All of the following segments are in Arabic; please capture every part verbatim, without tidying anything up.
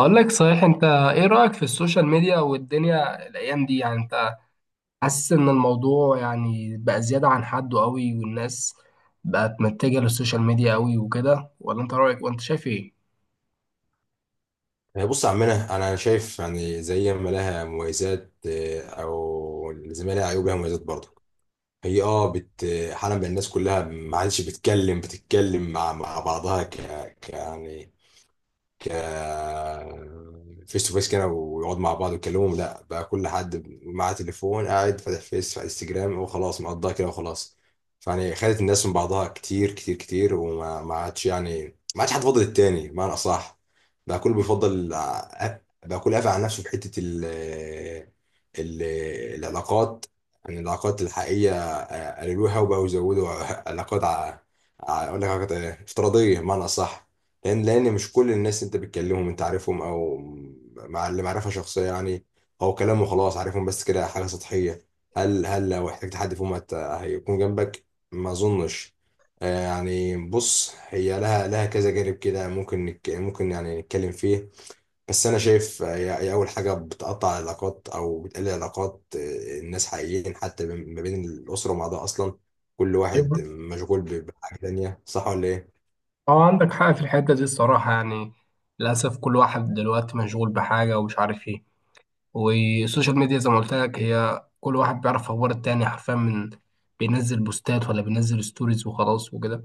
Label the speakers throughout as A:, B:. A: اقول لك، صحيح، انت ايه رأيك في السوشيال ميديا والدنيا الايام دي؟ يعني انت حاسس ان الموضوع يعني بقى زيادة عن حده قوي، والناس بقت متجهة للسوشيال ميديا قوي وكده، ولا انت رأيك وانت شايف ايه؟
B: آه، بص يا عمنا انا شايف يعني زي ما لها مميزات آه، او زي ما لها عيوب لها مميزات برضه هي اه بت حالا بقى الناس كلها ما عادش بتتكلم بتتكلم مع مع بعضها ك ك- يعني فيس تو فيس كده ويقعدوا مع بعض ويتكلموا، لا بقى كل حد معاه تليفون قاعد فاتح فيس على انستجرام وخلاص مقضاها كده وخلاص. فيعني خدت الناس من بعضها كتير كتير كتير وما ما عادش يعني ما عادش حد فاضل التاني بمعنى اصح. بقى كله بيفضل ع- بقى كله قافل على نفسه في حتة ال ال- العلاقات، يعني العلاقات الحقيقية قللوها وبقوا يزودوا علاقات ع- ع- اقول لك علاقات إيه؟ افتراضيه بمعنى اصح. لان لان مش كل الناس انت بتكلمهم انت عارفهم، او مع اللي معرفه شخصيه يعني، او كلامه خلاص عارفهم بس كده حاجه سطحيه. هل هل لو احتجت حد فيهم هت- هيكون جنبك؟ ما اظنش. آه، يعني بص هي لها لها كذا جانب كده ممكن نك- ممكن يعني نتكلم فيه. بس انا شايف هي هي اول حاجه بتقطع العلاقات او بتقلل علاقات آه، الناس حقيقيين، حتى ما بين الاسره مع ده اصلا كل واحد
A: أيوة.
B: مشغول ب- بحاجه تانية، صح ولا ايه؟
A: اه، عندك حق في الحتة دي الصراحة، يعني للأسف كل واحد دلوقتي مشغول بحاجة ومش عارف ايه. والسوشيال ميديا زي ما قلت لك، هي كل واحد بيعرف اخبار التاني حرفيا من بينزل بوستات ولا بينزل ستوريز وخلاص وكده.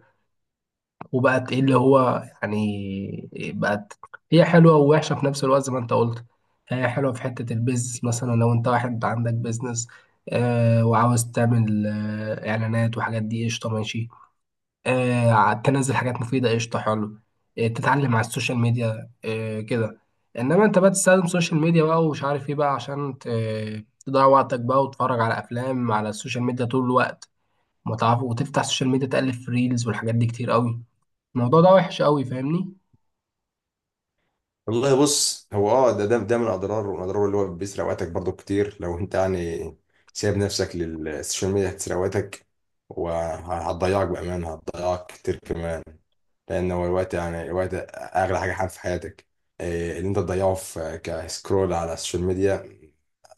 A: وبقت ايه اللي هو يعني بقت هي حلوه ووحشه في نفس الوقت زي ما انت قلت. هي حلوه في حته البيزنس، مثلا لو انت واحد عندك بيزنس آه وعاوز تعمل آه اعلانات وحاجات دي، قشطه ماشي. آه ع- تنزل حاجات مفيده، قشطه حلو. آه تتعلم على السوشيال ميديا آه كده. انما انت بقى تستخدم سوشيال ميديا بقى ومش عارف ايه بقى عشان ت- تضيع وقتك بقى وتتفرج على افلام على السوشيال ميديا طول الوقت، متعرف، وتفتح السوشيال ميديا تقلب في ريلز والحاجات دي كتير قوي. الموضوع ده وحش قوي، فاهمني؟
B: والله بص هو اه ده ده ده من اضرار ومن اضرار اللي هو بيسرق وقتك برضو كتير، لو انت يعني سايب نفسك للسوشيال ميديا هتسرق وقتك وهتضيعك بامانه هتضيعك كتير كمان، لان هو الوقت يعني الوقت اغلى حاجه حاجه في حياتك. إيه، اللي انت تضيعه في كسكرول على السوشيال ميديا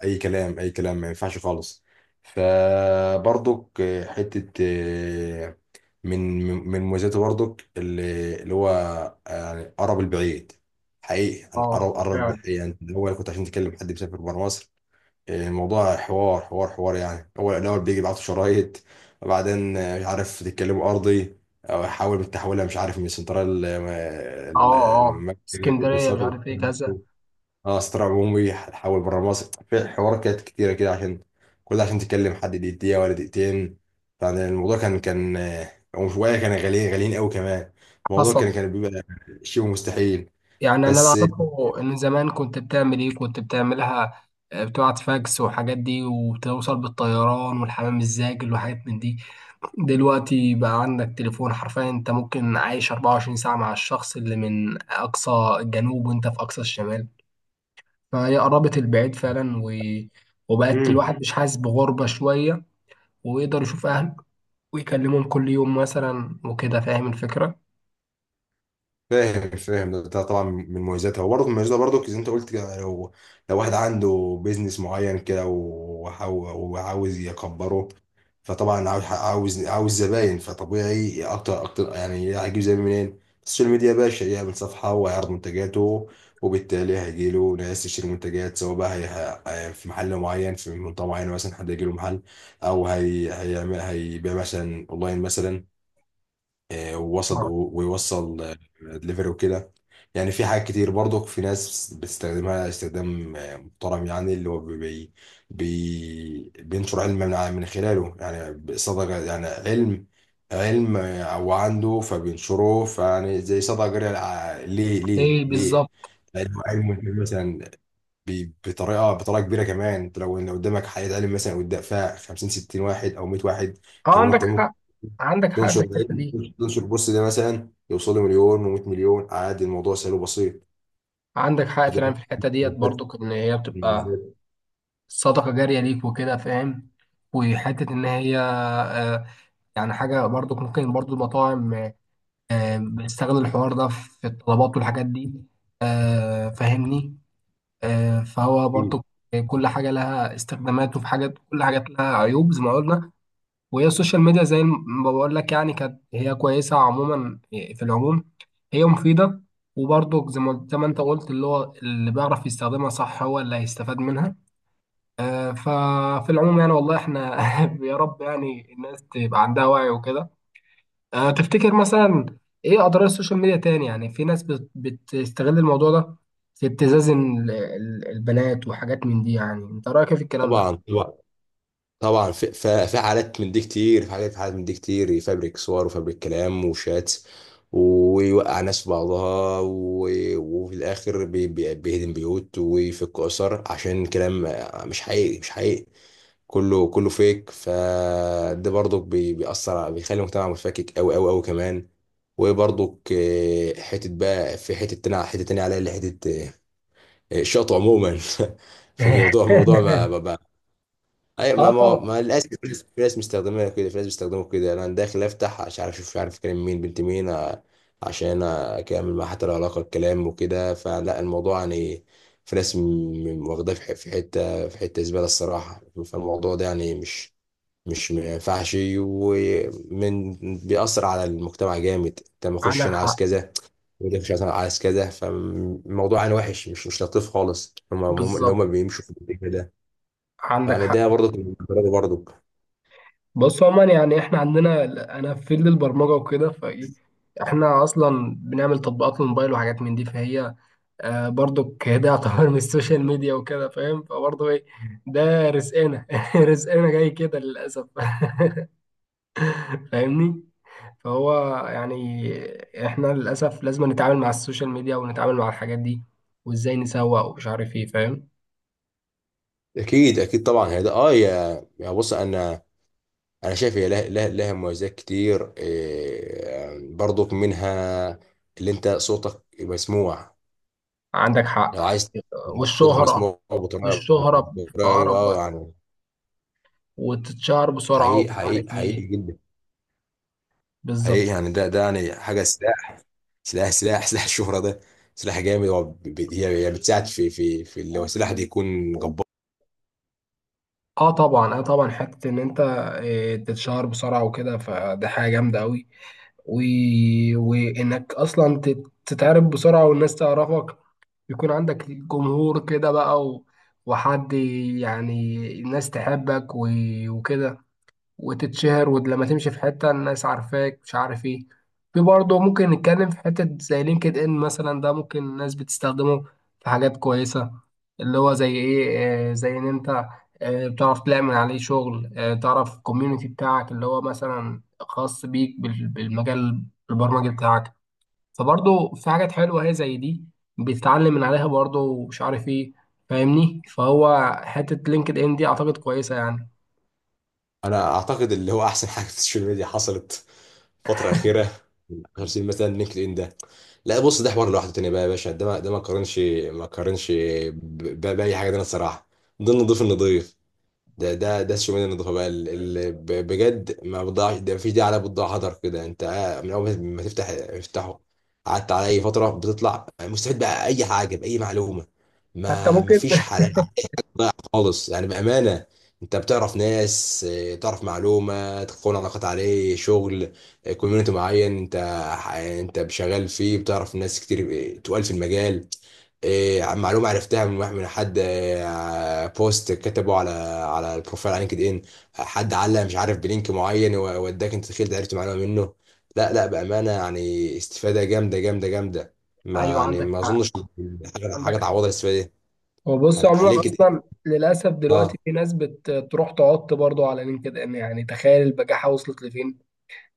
B: اي كلام اي كلام ما ينفعش خالص. فبرضك إيه، حته إيه، من من مميزاته برضك اللي اللي هو آه، يعني قرب البعيد، حقيقي انا قرب
A: اه،
B: قرب
A: فعلا.
B: البعيد يعني. الاول كنت عشان تكلم حد بيسافر بره مصر الموضوع حوار حوار حوار يعني، هو الأول بيجي يبعتوا شرايط، وبعدين آه، مش عارف تتكلموا أرضي، أو يحاول بتحولها مش عارف من سنترال ال-
A: اه، اه،
B: المركزي
A: اسكندرية مش
B: للسنترال،
A: عارف ايه كذا.
B: اه سنترال عمومي حول بره مصر، في حوارات كانت كتيرة كده عشان كل ده عشان تتكلم حد دقيقة ولا دقيقتين. يعني الموضوع كان كان آه، وشوية كان غاليين غاليين قوي كمان، الموضوع
A: حصل.
B: كان كان بيبقى شيء مستحيل.
A: يعني انا اللي
B: بس
A: اعرفه ان زمان كنت بتعمل ايه، كنت بتعملها، آه، بتقعد فاكس والحاجات دي، وبتوصل بالطيران والحمام الزاجل وحاجات من دي. دلوقتي بقى عندك تليفون، حرفيا انت ممكن عايش اربعة وعشرين ساعة مع الشخص اللي من اقصى الجنوب وانت في اقصى الشمال. فهي قربت البعيد فعلا، و... وبقت
B: مم.
A: الواحد مش حاسس بغربة شوية، ويقدر يشوف اهله ويكلمهم كل يوم مثلا وكده. فاهم الفكرة؟
B: فاهم فاهم ده ده طبعا من مميزاتها، وبرضه من مميزاتها برضه زي ما انت قلت كده، لو لو واحد عنده بيزنس معين كده وحاو- وعاوز يكبره فطبعا عاوز عاوز عاوز زباين، فطبيعي اكتر اكتر يعني هيجيب زباين منين؟ السوشيال ميديا يا باشا، يعمل صفحة ويعرض منتجاته وبالتالي هيجيله ناس تشتري منتجات، سواء بقى هي هي- في محل معين في منطقة معينة مثلا، حد هيجيله محل، أو هي هيعمل هيبيع مثلا أونلاين مثلا، آه، ووصل
A: اه.
B: ويوصل آه، دليفري وكده. يعني في حاجات كتير برضو، في ناس بتستخدمها استخدام آه، محترم يعني، اللي هو بي بي بي- بينشر علم من ع- من خلاله يعني صدقة يعني علم، علم آه، هو عنده فبينشره، فيعني زي صدقة جارية للع- ليه ليه
A: ليه
B: ليه؟
A: بالظبط.
B: لأنه علم مثلا بي- بطريقة بطريقة كبيرة كمان، انت لو ان قدامك حياة علم مثلا قدام فيها خمسين ستين واحد او مية واحد،
A: اه،
B: انت
A: عندك
B: ممكن
A: حق. عندك حق
B: تنشر
A: في الحتة
B: العلم،
A: دي.
B: تنشر البوست ده مثلا يوصل له مليون و100 مليون، عادي الموضوع سهل وبسيط.
A: عندك حق فعلا
B: فده
A: في الحتة ديت،
B: بالذات-
A: برضو ان هي بتبقى
B: بالذات.
A: صدقة جارية ليك وكده، فاهم. وحتة ان هي، آه، يعني حاجة، برضو ممكن برضو المطاعم آه، آه، بتستغل الحوار ده في الطلبات والحاجات دي، آه، فاهمني. آه، فهو
B: أكيد.
A: برضو كل حاجة لها استخدامات، وفي حاجات، كل حاجات لها عيوب زي ما قلنا. وهي السوشيال ميديا زي ما بقول لك، يعني كانت هي كويسة عموما، في العموم هي مفيدة. وبرضه زي ما زي ما انت قلت، اللي هو اللي بيعرف يستخدمها صح هو اللي هيستفاد منها. آه، ففي العموم يعني، والله احنا يا رب يعني الناس تبقى عندها وعي وكده. آه، تفتكر مثلا ايه اضرار السوشيال ميديا تاني؟ يعني في ناس بت- بتستغل الموضوع ده في ابتزاز ال- ال- البنات وحاجات من دي، يعني انت رأيك ايه في الكلام ده؟
B: طبعا طبعا طبعا في في في حالات من دي كتير، في حالات حالات من دي كتير يفبرك صور وفبرك كلام وشات ويوقع ناس في بعضها، و- وفي الاخر بي- بي- بيهدم بيوت ويفك اسر عشان كلام مش حقيقي مش حقيقي. كله كله فيك، فده برضك بي- بيأثر على، بيخلي المجتمع متفكك أوي أوي أوي كمان. وبرضك آه، حتة بقى، في حتة تانية حتة تانية عليها اللي حتة آه، الشطو عموما في الموضوع الموضوع ما ما ما أي ما
A: اه،
B: ما,
A: طبعا.
B: ما للأسف في ناس، في ناس مستخدمينها كده، في ناس بيستخدموا كده أنا داخل أفتح عشان عارف أشوف مش عارف أكلم مين بنت مين آه، عشان أكمل معاها حتى لو علاقة الكلام وكده، فلا الموضوع يعني في ناس م- م- واخداه في ح- في حتة في حتة زبالة الصراحة، فالموضوع ده يعني مش مش ما ينفعش، ومن بيأثر على المجتمع جامد. انت ما اخش
A: عندك
B: انا عايز
A: حق.
B: كذا، وده مش عايز- انا عايز كذا، فالموضوع انا وحش مش مش لطيف خالص، هم هم- اللي
A: بالظبط.
B: هم بيمشوا في الاتجاه ده.
A: عندك
B: يعني
A: حق.
B: ده برضك من تجربه برضك.
A: بص، عموما يعني احنا عندنا، انا في فيلد البرمجه وكده، فايه، احنا اصلا بنعمل تطبيقات للموبايل وحاجات من دي، فهي آه برضك ده يعتبر من السوشيال ميديا وكده، فاهم؟ فبرضه ايه، ده رزقنا، رزقنا جاي كده للاسف. فاهمني؟ فهو يعني احنا للاسف لازم نتعامل مع السوشيال ميديا ونتعامل مع الحاجات دي، وازاي نسوق ومش عارف ايه، فاهم؟
B: اكيد اكيد طبعا هي ده اه يا يا بص انا، انا شايف هي لها لها, لها مميزات كتير، إيه برضك منها اللي انت صوتك مسموع
A: عندك
B: لو
A: حق.
B: عايز، صوتك
A: والشهره.
B: مسموع بطريقه
A: والشهره
B: بطريقه
A: في
B: غريبة، اه
A: قرب،
B: يعني
A: وتتشهر بسرعة
B: حقيقي
A: ومش عارف
B: حقيقي حقيقي
A: ايه.
B: جدا حقيقي
A: بالظبط.
B: يعني، ده ده يعني حاجه سلاح سلاح سلاح سلاح الشهره ده سلاح جامد، هو ب- ب- هي هي بتساعد في في في اللي هو السلاح ده يكون جبار.
A: اه طبعا، اه طبعا، حتة ان انت آه، تتشهر بسرعة وكده، فده حاجة جامدة قوي. و... وانك اصلا تت- تتعرف بسرعة والناس تعرفك، يكون عندك جمهور كده بقى، و... وحد، يعني الناس تحبك، و... وكده، وتتشهر، ولما تمشي في حتة الناس عارفاك، مش عارف ايه. في برضه ممكن نتكلم في حتة زي لينكد ان مثلا، ده ممكن الناس بتستخدمه في حاجات كويسة. اللي هو زي ايه؟ آه، زي ان انت آه، بتعرف تعمل عليه شغل، آه، تعرف الكوميونتي بتاعك اللي هو مثلا خاص بيك بال- بالمجال البرمجي بتاعك. فبرضه في حاجات حلوة هي زي دي، بتتعلم من عليها برضه ومش عارف ايه، فاهمني؟ فهو حتة لينكد ان دي اعتقد كويسة يعني.
B: انا اعتقد اللي هو احسن حاجه في السوشيال ميديا حصلت فتره اخيره من عشرة سنين مثلا لينكد ان ده. لا بص ده حوار لوحده تاني بقى يا باشا، ده ما ده ما قارنش ما قارنش ب- ب- باي حاجه تانيه الصراحه. ضمن نضيف النضيف، ده ده ده الشمال النضافه بقى، اللي بجد ما بتضيعش، ده مفيش داعي عليها بتضيع هدر كده، انت قاعد- من اول ما تفتح افتحه قعدت على اي فتره بتطلع مستفيد بقى اي حاجه باي معلومه.
A: حتى
B: ما
A: ممكن
B: مفيش حالات خالص يعني بأمانة، انت بتعرف ناس اه، تعرف معلومة، تكون علاقات عليه شغل، كوميونتي معين انت، انت شغال فيه بتعرف ناس كتير اه، تقال في المجال، اه، معلومة عرفتها من واحد من حد اه، بوست كتبه على على البروفايل على لينكد ان، حد علق مش عارف بلينك معين ووداك انت دخلت عرفت معلومة منه. لا لا بأمانة يعني استفادة جامدة جامدة جامدة، ما
A: ايوه،
B: يعني
A: عندك
B: ما
A: حق.
B: اظنش حاجة
A: عندك
B: حاجة
A: حق.
B: تعوض الاستفادة دي.
A: هو بص،
B: يعني
A: عموما
B: لينكد ان
A: اصلا للاسف دلوقتي
B: اه
A: في ناس بتروح تعط برضو على لينكد ان، يعني تخيل البجاحه وصلت لفين،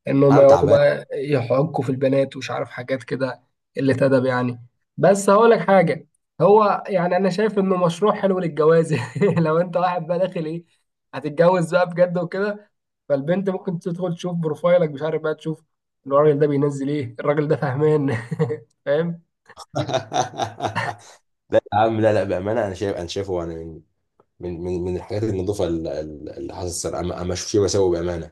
A: انهم
B: انا
A: يقعدوا
B: تعبان.
A: بقى يحكوا في البنات ومش عارف حاجات كده. قله ادب يعني. بس هقول لك حاجه، هو يعني انا شايف انه مشروع حلو للجواز. لو انت واحد بقى داخل ايه، هتتجوز بقى بجد وكده، فالبنت ممكن تدخل تشوف بروفايلك، مش عارف بقى، تشوف الراجل ده بينزل ايه، الراجل ده فهمان. فاهم؟
B: يا عم لا لا بامانه انا شايف انا شايفه يعني من من من من الحاجات النظيفه ال- ال- اللي حصلت انا، ما ما اشوفش فيه مساوئ بامانه،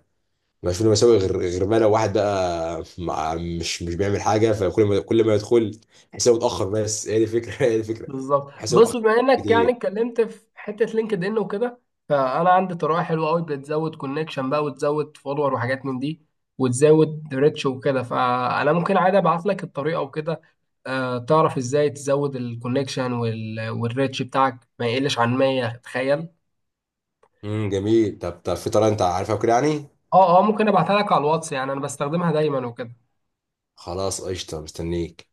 B: ما اشوفش فيه مساوئ غير غير بقى لو واحد بقى مع- مش مش بيعمل حاجه فكل ما كل ما يدخل حسابه اتاخر، بس هي دي الفكره هي دي الفكره
A: بالظبط.
B: حسابه
A: بص،
B: اتاخر
A: بما انك يعني
B: كتير.
A: اتكلمت في حته لينكد ان وكده، فانا عندي طريقه حلوه قوي بتزود كونكشن بقى، وتزود فولور وحاجات من دي، وتزود ريتش وكده. فانا ممكن عادي ابعت لك الطريقه وكده، آه تعرف ازاي تزود الكونكشن والريتش بتاعك ما يقلش عن مية، تخيل.
B: امم جميل، طب طب في طريقه انت عارفها وكده يعني؟
A: اه اه، ممكن ابعتها لك على الواتس، يعني انا بستخدمها دايما وكده.
B: خلاص قشطه مستنيك.